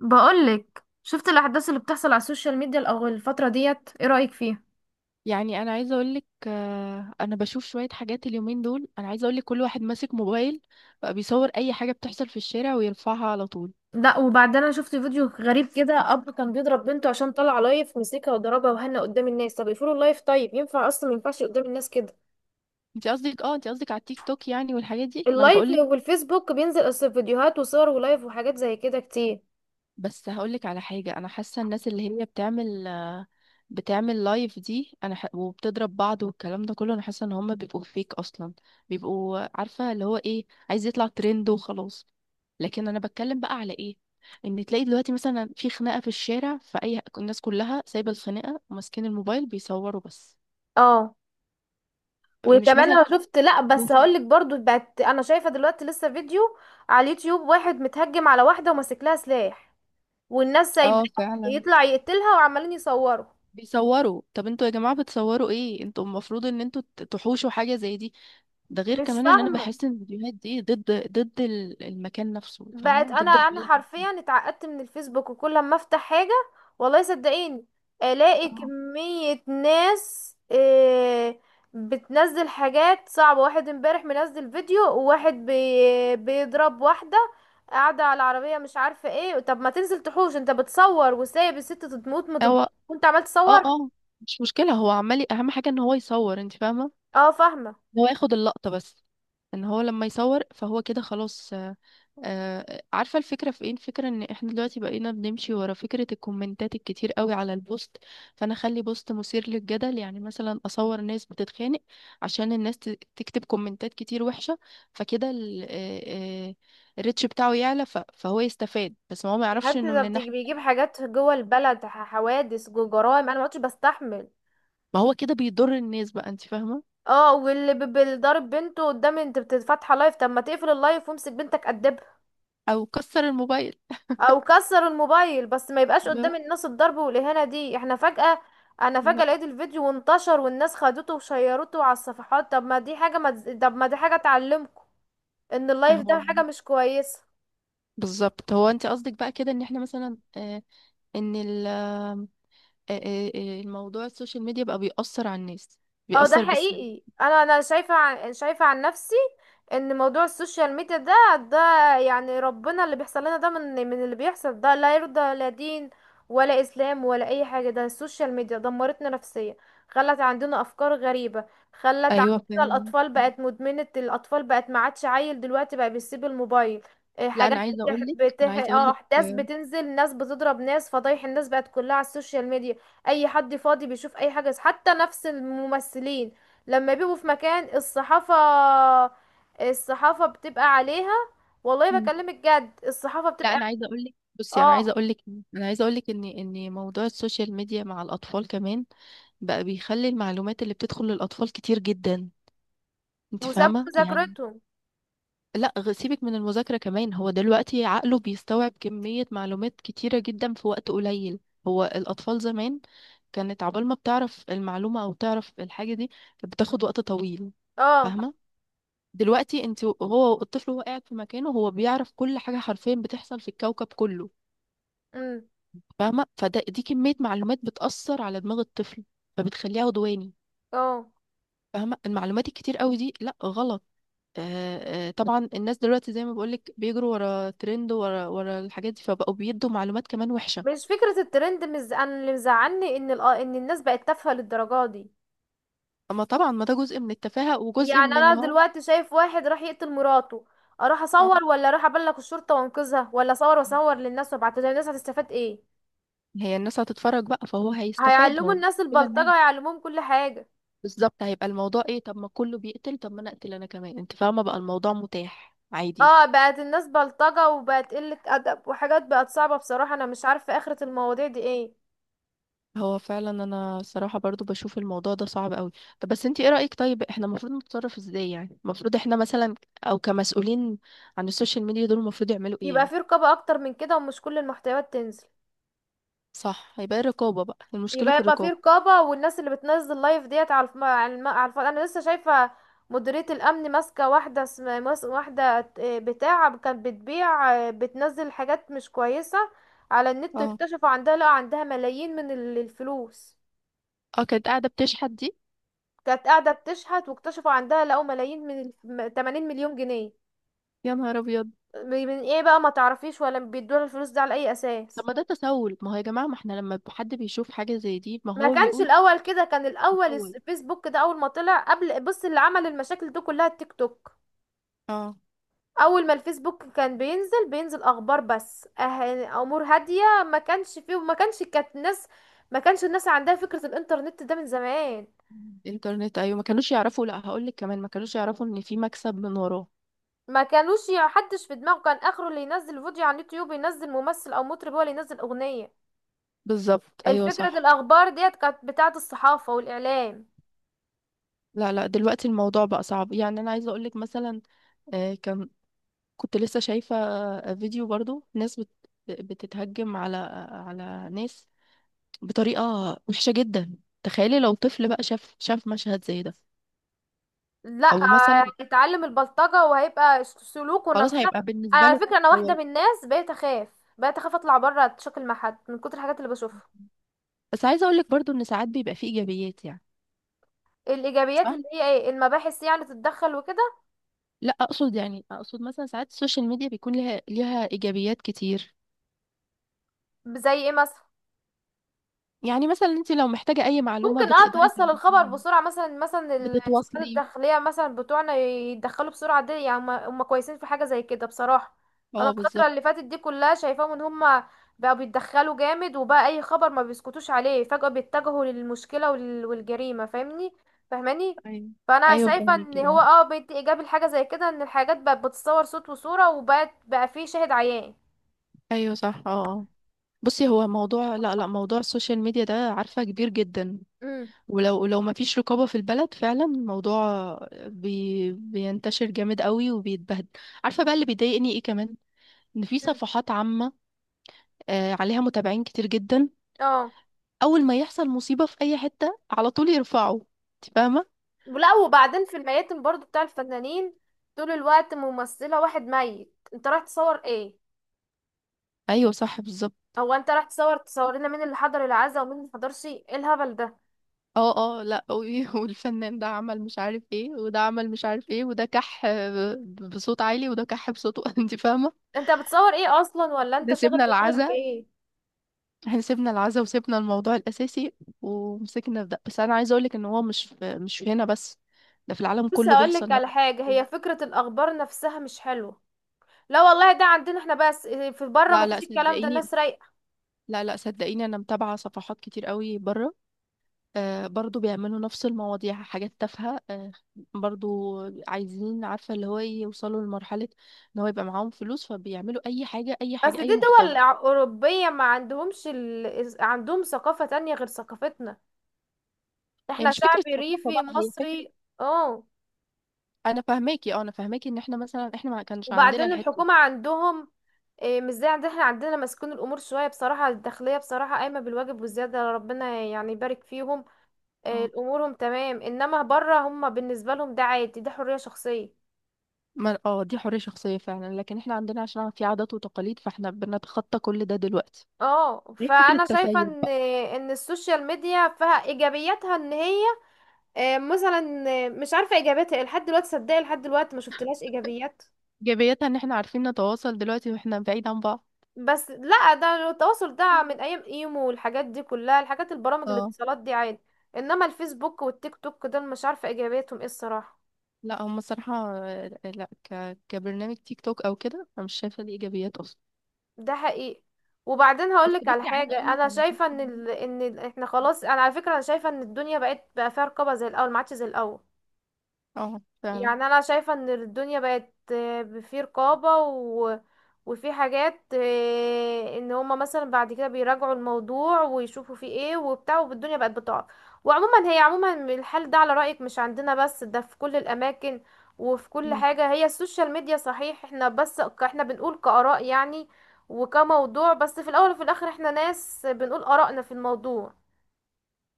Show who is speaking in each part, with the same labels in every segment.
Speaker 1: بقولك شفت الاحداث اللي بتحصل على السوشيال ميديا الاول الفتره ديت ايه رايك فيها؟
Speaker 2: يعني انا عايزه اقول لك، انا بشوف شويه حاجات اليومين دول، انا عايزه اقول لك كل واحد ماسك موبايل بقى بيصور اي حاجه بتحصل في الشارع ويرفعها على طول.
Speaker 1: لا، وبعدين انا شفت فيديو غريب كده. اب كان بيضرب بنته عشان طلع لايف، مسكها وضربها وهنا قدام الناس. طب يقفلوا اللايف؟ طيب ينفع اصلا؟ ما ينفعش قدام الناس كده.
Speaker 2: انت قصدك على التيك توك، يعني، والحاجات دي، ما انا
Speaker 1: اللايف
Speaker 2: بقول.
Speaker 1: والفيسبوك بينزل اصل، فيديوهات وصور ولايف وحاجات زي كده كتير.
Speaker 2: بس هقولك على حاجة، أنا حاسة الناس اللي هي بتعمل بتعمل لايف دي، وبتضرب بعض والكلام ده كله. أنا حاسة إن هما بيبقوا فيك أصلا، بيبقوا عارفة اللي هو إيه، عايز يطلع ترند وخلاص. لكن أنا بتكلم بقى على إيه؟ إن تلاقي دلوقتي مثلا في خناقة في الشارع، فأي الناس كلها سايبة الخناقة وماسكين الموبايل بيصوروا بس.
Speaker 1: اه،
Speaker 2: مش
Speaker 1: وكمان
Speaker 2: مثلا
Speaker 1: انا شفت، لا بس
Speaker 2: بوشو.
Speaker 1: هقولك برضو، بقت انا شايفه دلوقتي لسه فيديو على اليوتيوب، واحد متهجم على واحده وماسك لها سلاح والناس سايباه
Speaker 2: اه فعلا،
Speaker 1: يطلع يقتلها وعمالين يصوروا.
Speaker 2: بيصوروا. طب انتوا يا جماعة بتصوروا ايه؟ انتوا المفروض ان انتوا تحوشوا حاجة زي دي. ده غير
Speaker 1: مش
Speaker 2: كمان ان انا
Speaker 1: فاهمة.
Speaker 2: بحس ان الفيديوهات دي ضد، المكان نفسه،
Speaker 1: بقت
Speaker 2: فاهمه؟
Speaker 1: انا
Speaker 2: ضد
Speaker 1: انا
Speaker 2: البلد نفسها.
Speaker 1: حرفيا اتعقدت من الفيسبوك. وكل ما افتح حاجة، والله صدقيني، الاقي
Speaker 2: اه
Speaker 1: كمية ناس بتنزل حاجات صعبة. واحد امبارح منزل فيديو، وواحد بيضرب واحدة قاعدة على العربية، مش عارفة ايه. طب ما تنزل تحوش؟ انت بتصور وسايب الست تموت، ما تض-
Speaker 2: هو
Speaker 1: وانت عمال
Speaker 2: اه
Speaker 1: تصور.
Speaker 2: اه مش مشكله، هو عمال اهم حاجه ان هو يصور، انت فاهمه؟
Speaker 1: اه، فاهمة.
Speaker 2: إن هو ياخد اللقطه بس، ان هو لما يصور فهو كده خلاص. عارفة الفكرة في ايه؟ الفكرة ان احنا دلوقتي بقينا بنمشي ورا فكرة الكومنتات الكتير قوي على البوست، فانا اخلي بوست مثير للجدل، يعني مثلا اصور ناس بتتخانق عشان الناس تكتب كومنتات كتير وحشة. فكده الريتش بتاعه يعلى، فهو يستفاد، بس ما هو ما
Speaker 1: يا
Speaker 2: يعرفش
Speaker 1: حبيبتي
Speaker 2: انه
Speaker 1: ده
Speaker 2: من الناحية
Speaker 1: بيجيب
Speaker 2: التانية
Speaker 1: حاجات جوه البلد، حوادث جوه، جرائم. انا ما عدتش بستحمل.
Speaker 2: ما هو كده بيضر الناس بقى، انت فاهمة؟
Speaker 1: اه، واللي بيضرب بنته قدام، انت فاتحه لايف، طب ما تقفل اللايف وامسك بنتك قدبها،
Speaker 2: او كسر الموبايل.
Speaker 1: او كسر الموبايل. بس ما يبقاش
Speaker 2: لا
Speaker 1: قدام الناس الضرب والاهانه دي. احنا فجاه انا فجاه
Speaker 2: لا،
Speaker 1: لقيت الفيديو وانتشر والناس خدته وشيرته على الصفحات. طب ما دي حاجه تعلمكم ان اللايف
Speaker 2: هو
Speaker 1: ده حاجه مش كويسه.
Speaker 2: بالظبط. هو انت قصدك بقى كده ان احنا مثلا ان الموضوع السوشيال ميديا بقى بيأثر على الناس،
Speaker 1: اه، ده
Speaker 2: بيأثر بالسلب.
Speaker 1: حقيقي. انا شايفه عن نفسي ان موضوع السوشيال ميديا ده، يعني ربنا، اللي بيحصل لنا ده، من اللي بيحصل ده لا يرضى لا دين ولا اسلام ولا اي حاجه. ده السوشيال ميديا دمرتنا نفسيا، خلت عندنا افكار غريبه، خلت
Speaker 2: ايوه
Speaker 1: عندنا
Speaker 2: فاهم.
Speaker 1: الاطفال بقت مدمنه، الاطفال بقت ما عادش عيل دلوقتي بقى بيسيب الموبايل.
Speaker 2: لا
Speaker 1: حاجات
Speaker 2: انا عايزه
Speaker 1: بتح...
Speaker 2: اقول لك،
Speaker 1: بتح... اه احداث بتنزل، ناس بتضرب ناس، فضايح، الناس بقت كلها على السوشيال ميديا. اي حد فاضي بيشوف اي حاجة، حتى نفس الممثلين لما بيبقوا في مكان، الصحافة، الصحافة بتبقى عليها. والله
Speaker 2: مم.
Speaker 1: بكلمك جد، الصحافة
Speaker 2: لا
Speaker 1: بتبقى.
Speaker 2: انا عايزه اقول لك، بصي انا
Speaker 1: اه،
Speaker 2: عايزه اقول لك، ان موضوع السوشيال ميديا مع الاطفال كمان بقى بيخلي المعلومات اللي بتدخل للاطفال كتير جدا، انت
Speaker 1: وسابوا
Speaker 2: فاهمه يعني؟
Speaker 1: مذاكرتهم.
Speaker 2: لا سيبك من المذاكرة كمان، هو دلوقتي عقله بيستوعب كمية معلومات كتيرة جدا في وقت قليل. هو الأطفال زمان، كانت عقبال ما بتعرف المعلومة أو تعرف الحاجة دي، كانت بتاخد وقت طويل،
Speaker 1: اه.
Speaker 2: فاهمة؟ دلوقتي انت هو الطفل وهو قاعد في مكانه هو بيعرف كل حاجة حرفيا بتحصل في الكوكب كله،
Speaker 1: امم.
Speaker 2: فاهمة؟ فده دي كمية معلومات بتأثر على دماغ الطفل فبتخليه عدواني،
Speaker 1: اه.
Speaker 2: فاهمة؟ المعلومات الكتير قوي دي، لا غلط. طبعا الناس دلوقتي زي ما بقولك بيجروا ورا ترند، ورا الحاجات دي، فبقوا بيدوا معلومات كمان وحشة.
Speaker 1: مش فكرة الترند، أنا اللي مزعلني ان ال... آه، ان الناس بقت تافهة للدرجة دي.
Speaker 2: اما طبعا، ما ده جزء من التفاهة وجزء
Speaker 1: يعني
Speaker 2: من ان
Speaker 1: انا
Speaker 2: هو.
Speaker 1: دلوقتي شايف واحد راح يقتل مراته، اروح
Speaker 2: اه،
Speaker 1: اصور ولا اروح ابلغ الشرطة وانقذها؟ ولا اصور واصور للناس وابعتها للناس، هتستفاد ايه؟
Speaker 2: هي الناس هتتفرج بقى فهو هيستفاد
Speaker 1: هيعلموا
Speaker 2: هو.
Speaker 1: الناس
Speaker 2: كل الناس،
Speaker 1: البلطجة، هيعلموهم كل حاجة.
Speaker 2: بالظبط. هيبقى الموضوع ايه؟ طب ما كله بيقتل، طب ما انا اقتل انا كمان، انت فاهمة؟ بقى الموضوع متاح عادي.
Speaker 1: اه، بقت الناس بلطجة وبقت قلة أدب وحاجات بقت صعبة. بصراحة أنا مش عارفة آخرة المواضيع دي ايه.
Speaker 2: هو فعلا، انا صراحة برضو بشوف الموضوع ده صعب قوي. طب بس انت ايه رأيك؟ طيب احنا المفروض نتصرف ازاي يعني؟ المفروض احنا مثلا، او كمسؤولين عن السوشيال ميديا دول، المفروض يعملوا ايه
Speaker 1: يبقى
Speaker 2: يعني؟
Speaker 1: في رقابة أكتر من كده ومش كل المحتويات تنزل.
Speaker 2: صح، هيبقى إيه الرقابة بقى؟ المشكلة
Speaker 1: يبقى
Speaker 2: في
Speaker 1: يبقى في
Speaker 2: الرقابة.
Speaker 1: رقابة، والناس اللي بتنزل لايف ديت على الف... على, الم... على الف... أنا لسه شايفة مديرية الأمن ماسكة واحدة، واحدة بتاع كانت بتبيع، بتنزل حاجات مش كويسة على النت،
Speaker 2: اه
Speaker 1: واكتشفوا عندها، لا عندها ملايين من الفلوس.
Speaker 2: اه، كانت قاعدة بتشحت دي؟
Speaker 1: كانت قاعدة بتشحت، واكتشفوا عندها، لقوا ملايين 80 مليون جنيه.
Speaker 2: يا نهار ابيض.
Speaker 1: من ايه بقى؟ ما تعرفيش ولا بيدوها الفلوس دي على اي
Speaker 2: طب
Speaker 1: اساس.
Speaker 2: ما ده تسول، ما هو يا جماعة ما احنا لما حد بيشوف حاجة زي دي ما
Speaker 1: ما
Speaker 2: هو
Speaker 1: كانش
Speaker 2: بيقول
Speaker 1: الاول كده، كان الاول
Speaker 2: تسول.
Speaker 1: الفيسبوك ده اول ما طلع، قبل، بص، اللي عمل المشاكل دي كلها التيك توك.
Speaker 2: اه
Speaker 1: اول ما الفيسبوك كان بينزل اخبار بس، امور هادية. ما كانش فيه، وما كانش كانت الناس، ما كانش الناس عندها فكرة الانترنت ده من زمان.
Speaker 2: الانترنت، ايوه، ما كانوش يعرفوا. لا هقول لك كمان، ما كانوش يعرفوا ان في مكسب من وراه.
Speaker 1: ما كانوش حدش في دماغه كان اخره اللي ينزل فيديو على اليوتيوب ينزل ممثل او مطرب، هو اللي ينزل اغنية.
Speaker 2: بالظبط، ايوه
Speaker 1: الفكرة
Speaker 2: صح.
Speaker 1: الأخبار ديت كانت بتاعة الصحافة والإعلام.
Speaker 2: لا لا دلوقتي الموضوع بقى صعب. يعني انا عايزة اقول لك مثلا، كان، كنت لسه شايفة فيديو برضو ناس بتتهجم على ناس بطريقة وحشة جدا. تخيلي لو طفل بقى شاف مشهد زي ده،
Speaker 1: لا.
Speaker 2: او مثلا
Speaker 1: هيتعلم البلطجة وهيبقى سلوكه
Speaker 2: خلاص
Speaker 1: نفسه.
Speaker 2: هيبقى
Speaker 1: أنا
Speaker 2: بالنسبة
Speaker 1: على
Speaker 2: له
Speaker 1: فكرة أنا واحدة
Speaker 2: هو.
Speaker 1: من الناس بقيت أخاف أطلع بره أتشكل مع حد من كتر الحاجات اللي بشوفها.
Speaker 2: بس عايزة اقول لك برضو ان ساعات بيبقى فيه ايجابيات يعني.
Speaker 1: الإيجابيات
Speaker 2: صح.
Speaker 1: اللي هي إيه؟ المباحث يعني تتدخل وكده؟
Speaker 2: لا اقصد، يعني اقصد مثلا ساعات السوشيال ميديا بيكون لها ليها ايجابيات كتير.
Speaker 1: زي إيه مثلا؟
Speaker 2: يعني مثلا انت لو محتاجة اي معلومة
Speaker 1: ممكن
Speaker 2: بتقدري
Speaker 1: توصل الخبر
Speaker 2: تعرفيها،
Speaker 1: بسرعة مثلا، مثلا السلطات
Speaker 2: بتتواصلي.
Speaker 1: الداخلية مثلا بتوعنا يتدخلوا بسرعة دي، يعني هم كويسين في حاجة زي كده بصراحة. انا
Speaker 2: اه
Speaker 1: الفترة
Speaker 2: بالظبط.
Speaker 1: اللي فاتت دي كلها شايفاهم ان هم بقوا بيتدخلوا جامد، وبقى اي خبر ما بيسكتوش عليه، فجأة بيتجهوا للمشكلة والجريمة. فاهمني؟ فاهماني؟
Speaker 2: ايوه،
Speaker 1: فانا
Speaker 2: ايوه
Speaker 1: شايفة ان
Speaker 2: فهميكي،
Speaker 1: هو
Speaker 2: اه،
Speaker 1: اه بيدي ايجابي لحاجة زي كده، ان الحاجات بقت بتتصور صوت وصورة وبقت بقى فيه شاهد عيان.
Speaker 2: ايوه صح، اه، آه. بصي، هو موضوع، لا لا، موضوع السوشيال ميديا ده، عارفة، كبير جدا.
Speaker 1: امم.
Speaker 2: ولو ما فيش رقابة في البلد فعلا الموضوع بينتشر جامد قوي وبيتبهدل. عارفة بقى اللي بيضايقني ايه كمان؟ ان في
Speaker 1: مم.
Speaker 2: صفحات عامة عليها متابعين كتير جدا،
Speaker 1: اه.
Speaker 2: اول ما يحصل مصيبة في اي حتة على طول يرفعوا، انت فاهمة؟
Speaker 1: ولا، وبعدين في الميتم برضو بتاع الفنانين، طول الوقت ممثلة واحد ميت، انت رايح تصور ايه؟
Speaker 2: ايوه صح بالظبط،
Speaker 1: هو انت رايح تصور، تصور لنا مين اللي حضر العزاء ومين اللي حضرش؟ ايه الهبل ده؟
Speaker 2: اه اه، لا والفنان ده عمل مش عارف ايه، وده عمل مش عارف ايه، وده كح بصوت عالي، وده كح بصوته انت فاهة.
Speaker 1: انت بتصور ايه اصلا؟ ولا انت
Speaker 2: ده
Speaker 1: شاغل
Speaker 2: سيبنا
Speaker 1: دماغك
Speaker 2: العزا،
Speaker 1: بايه؟
Speaker 2: احنا سيبنا العزا وسيبنا الموضوع الأساسي ومسكنا في ده بس. أنا عايزة أقولك إن هو مش في هنا بس، ده في العالم
Speaker 1: بص
Speaker 2: كله
Speaker 1: هقولك
Speaker 2: بيحصل نفس.
Speaker 1: على حاجة، هي فكرة الاخبار نفسها مش حلوة. لا والله، ده عندنا احنا بس. في بره ما
Speaker 2: لا لا
Speaker 1: فيش الكلام ده،
Speaker 2: صدقيني،
Speaker 1: الناس رايقة.
Speaker 2: لا لا صدقيني، أنا متابعة صفحات كتير قوي بره، آه برضو بيعملوا نفس المواضيع، حاجات تافهة، آه برضو. عايزين، عارفة اللي هو، إيه، يوصلوا لمرحلة إن هو يبقى معاهم فلوس فبيعملوا أي حاجة، أي
Speaker 1: بس
Speaker 2: حاجة،
Speaker 1: دي
Speaker 2: أي
Speaker 1: دول
Speaker 2: محتوى.
Speaker 1: اوروبية، ما عندهمش عندهم ثقافة تانية غير ثقافتنا.
Speaker 2: هي
Speaker 1: احنا
Speaker 2: مش
Speaker 1: شعب
Speaker 2: فكرة ثقافة
Speaker 1: ريفي
Speaker 2: بقى، هي فكرة.
Speaker 1: مصري. اه،
Speaker 2: أنا فاهماكي، أه أنا فاهماكي، إن إحنا مثلا إحنا ما كانش عندنا
Speaker 1: وبعدين
Speaker 2: الحتة دي.
Speaker 1: الحكومة عندهم مش زي عندنا. احنا عندنا مسكون الأمور شوية، بصراحة الداخلية بصراحة قايمة بالواجب والزيادة، ربنا يعني يبارك فيهم.
Speaker 2: اه،
Speaker 1: أمورهم تمام. إنما بره هم بالنسبة لهم ده عادي، ده حرية شخصية.
Speaker 2: ما اه دي حرية شخصية فعلا، لكن احنا عندنا عشان في عادات وتقاليد فاحنا بنتخطى كل ده دلوقتي.
Speaker 1: اه،
Speaker 2: هي فكرة
Speaker 1: فانا شايفه
Speaker 2: تسيب
Speaker 1: ان
Speaker 2: بقى.
Speaker 1: ان السوشيال ميديا فيها ايجابياتها، ان هي مثلا مش عارفه ايجابياتها إيه. لحد دلوقتي صدقي لحد دلوقتي ما شفتلهاش ايجابيات.
Speaker 2: ايجابيتها ان احنا عارفين نتواصل دلوقتي واحنا بعيد عن بعض.
Speaker 1: بس لا، ده التواصل ده من ايام ايمو والحاجات دي كلها، الحاجات البرامج
Speaker 2: اه،
Speaker 1: الاتصالات دي عادي. انما الفيسبوك والتيك توك دول مش عارفه ايجابيتهم ايه الصراحه.
Speaker 2: لا هم الصراحة لا كبرنامج تيك توك او كده انا مش شايفة ليه ايجابيات اصلا.
Speaker 1: ده حقيقي. وبعدين
Speaker 2: بس
Speaker 1: هقولك على
Speaker 2: بصي عايزة اقول
Speaker 1: حاجه
Speaker 2: لك
Speaker 1: انا
Speaker 2: انا شفت
Speaker 1: شايفه
Speaker 2: إن،
Speaker 1: احنا خلاص، انا على فكره انا شايفه ان الدنيا بقت بقى فيها رقابه، زي الاول ما عادش زي الاول.
Speaker 2: اه فعلا.
Speaker 1: يعني انا شايفة ان الدنيا بقت في رقابة وفي حاجات ان هما مثلا بعد كده بيراجعوا الموضوع ويشوفوا فيه ايه وبتاع، والدنيا بقت بتقع. وعموما هي عموما الحل ده على رأيك مش عندنا بس، ده في كل الاماكن وفي كل
Speaker 2: مم.
Speaker 1: حاجة، هي السوشيال ميديا صحيح. احنا بس احنا بنقول كآراء يعني، وكموضوع بس. في الاول وفي الاخر احنا ناس بنقول آرائنا في الموضوع،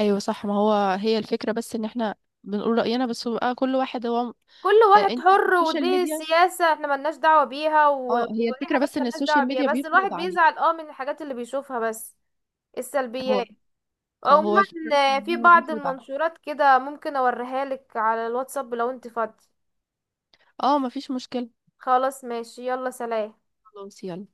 Speaker 2: ايوه صح، ما هو، هي الفكرة بس ان احنا بنقول رأينا بس بقى، كل واحد هو
Speaker 1: كل واحد
Speaker 2: انت
Speaker 1: حر،
Speaker 2: السوشيال
Speaker 1: ودي
Speaker 2: ميديا،
Speaker 1: سياسة احنا ملناش دعوة بيها،
Speaker 2: اه هي
Speaker 1: ودي
Speaker 2: الفكرة
Speaker 1: حاجات
Speaker 2: بس ان
Speaker 1: ملناش دعوة
Speaker 2: السوشيال
Speaker 1: بيها،
Speaker 2: ميديا
Speaker 1: بس
Speaker 2: بيفرض
Speaker 1: الواحد
Speaker 2: عليك.
Speaker 1: بيزعل من الحاجات اللي بيشوفها بس.
Speaker 2: هو،
Speaker 1: السلبيات
Speaker 2: اه، هو
Speaker 1: عموما.
Speaker 2: الفكرة بس ان
Speaker 1: في
Speaker 2: هو
Speaker 1: بعض
Speaker 2: بيفرض عليك.
Speaker 1: المنشورات كده ممكن اوريها لك على الواتساب لو انت فاضي.
Speaker 2: اه مفيش مشكلة.
Speaker 1: خلاص ماشي، يلا، سلام.
Speaker 2: خلاص يلا.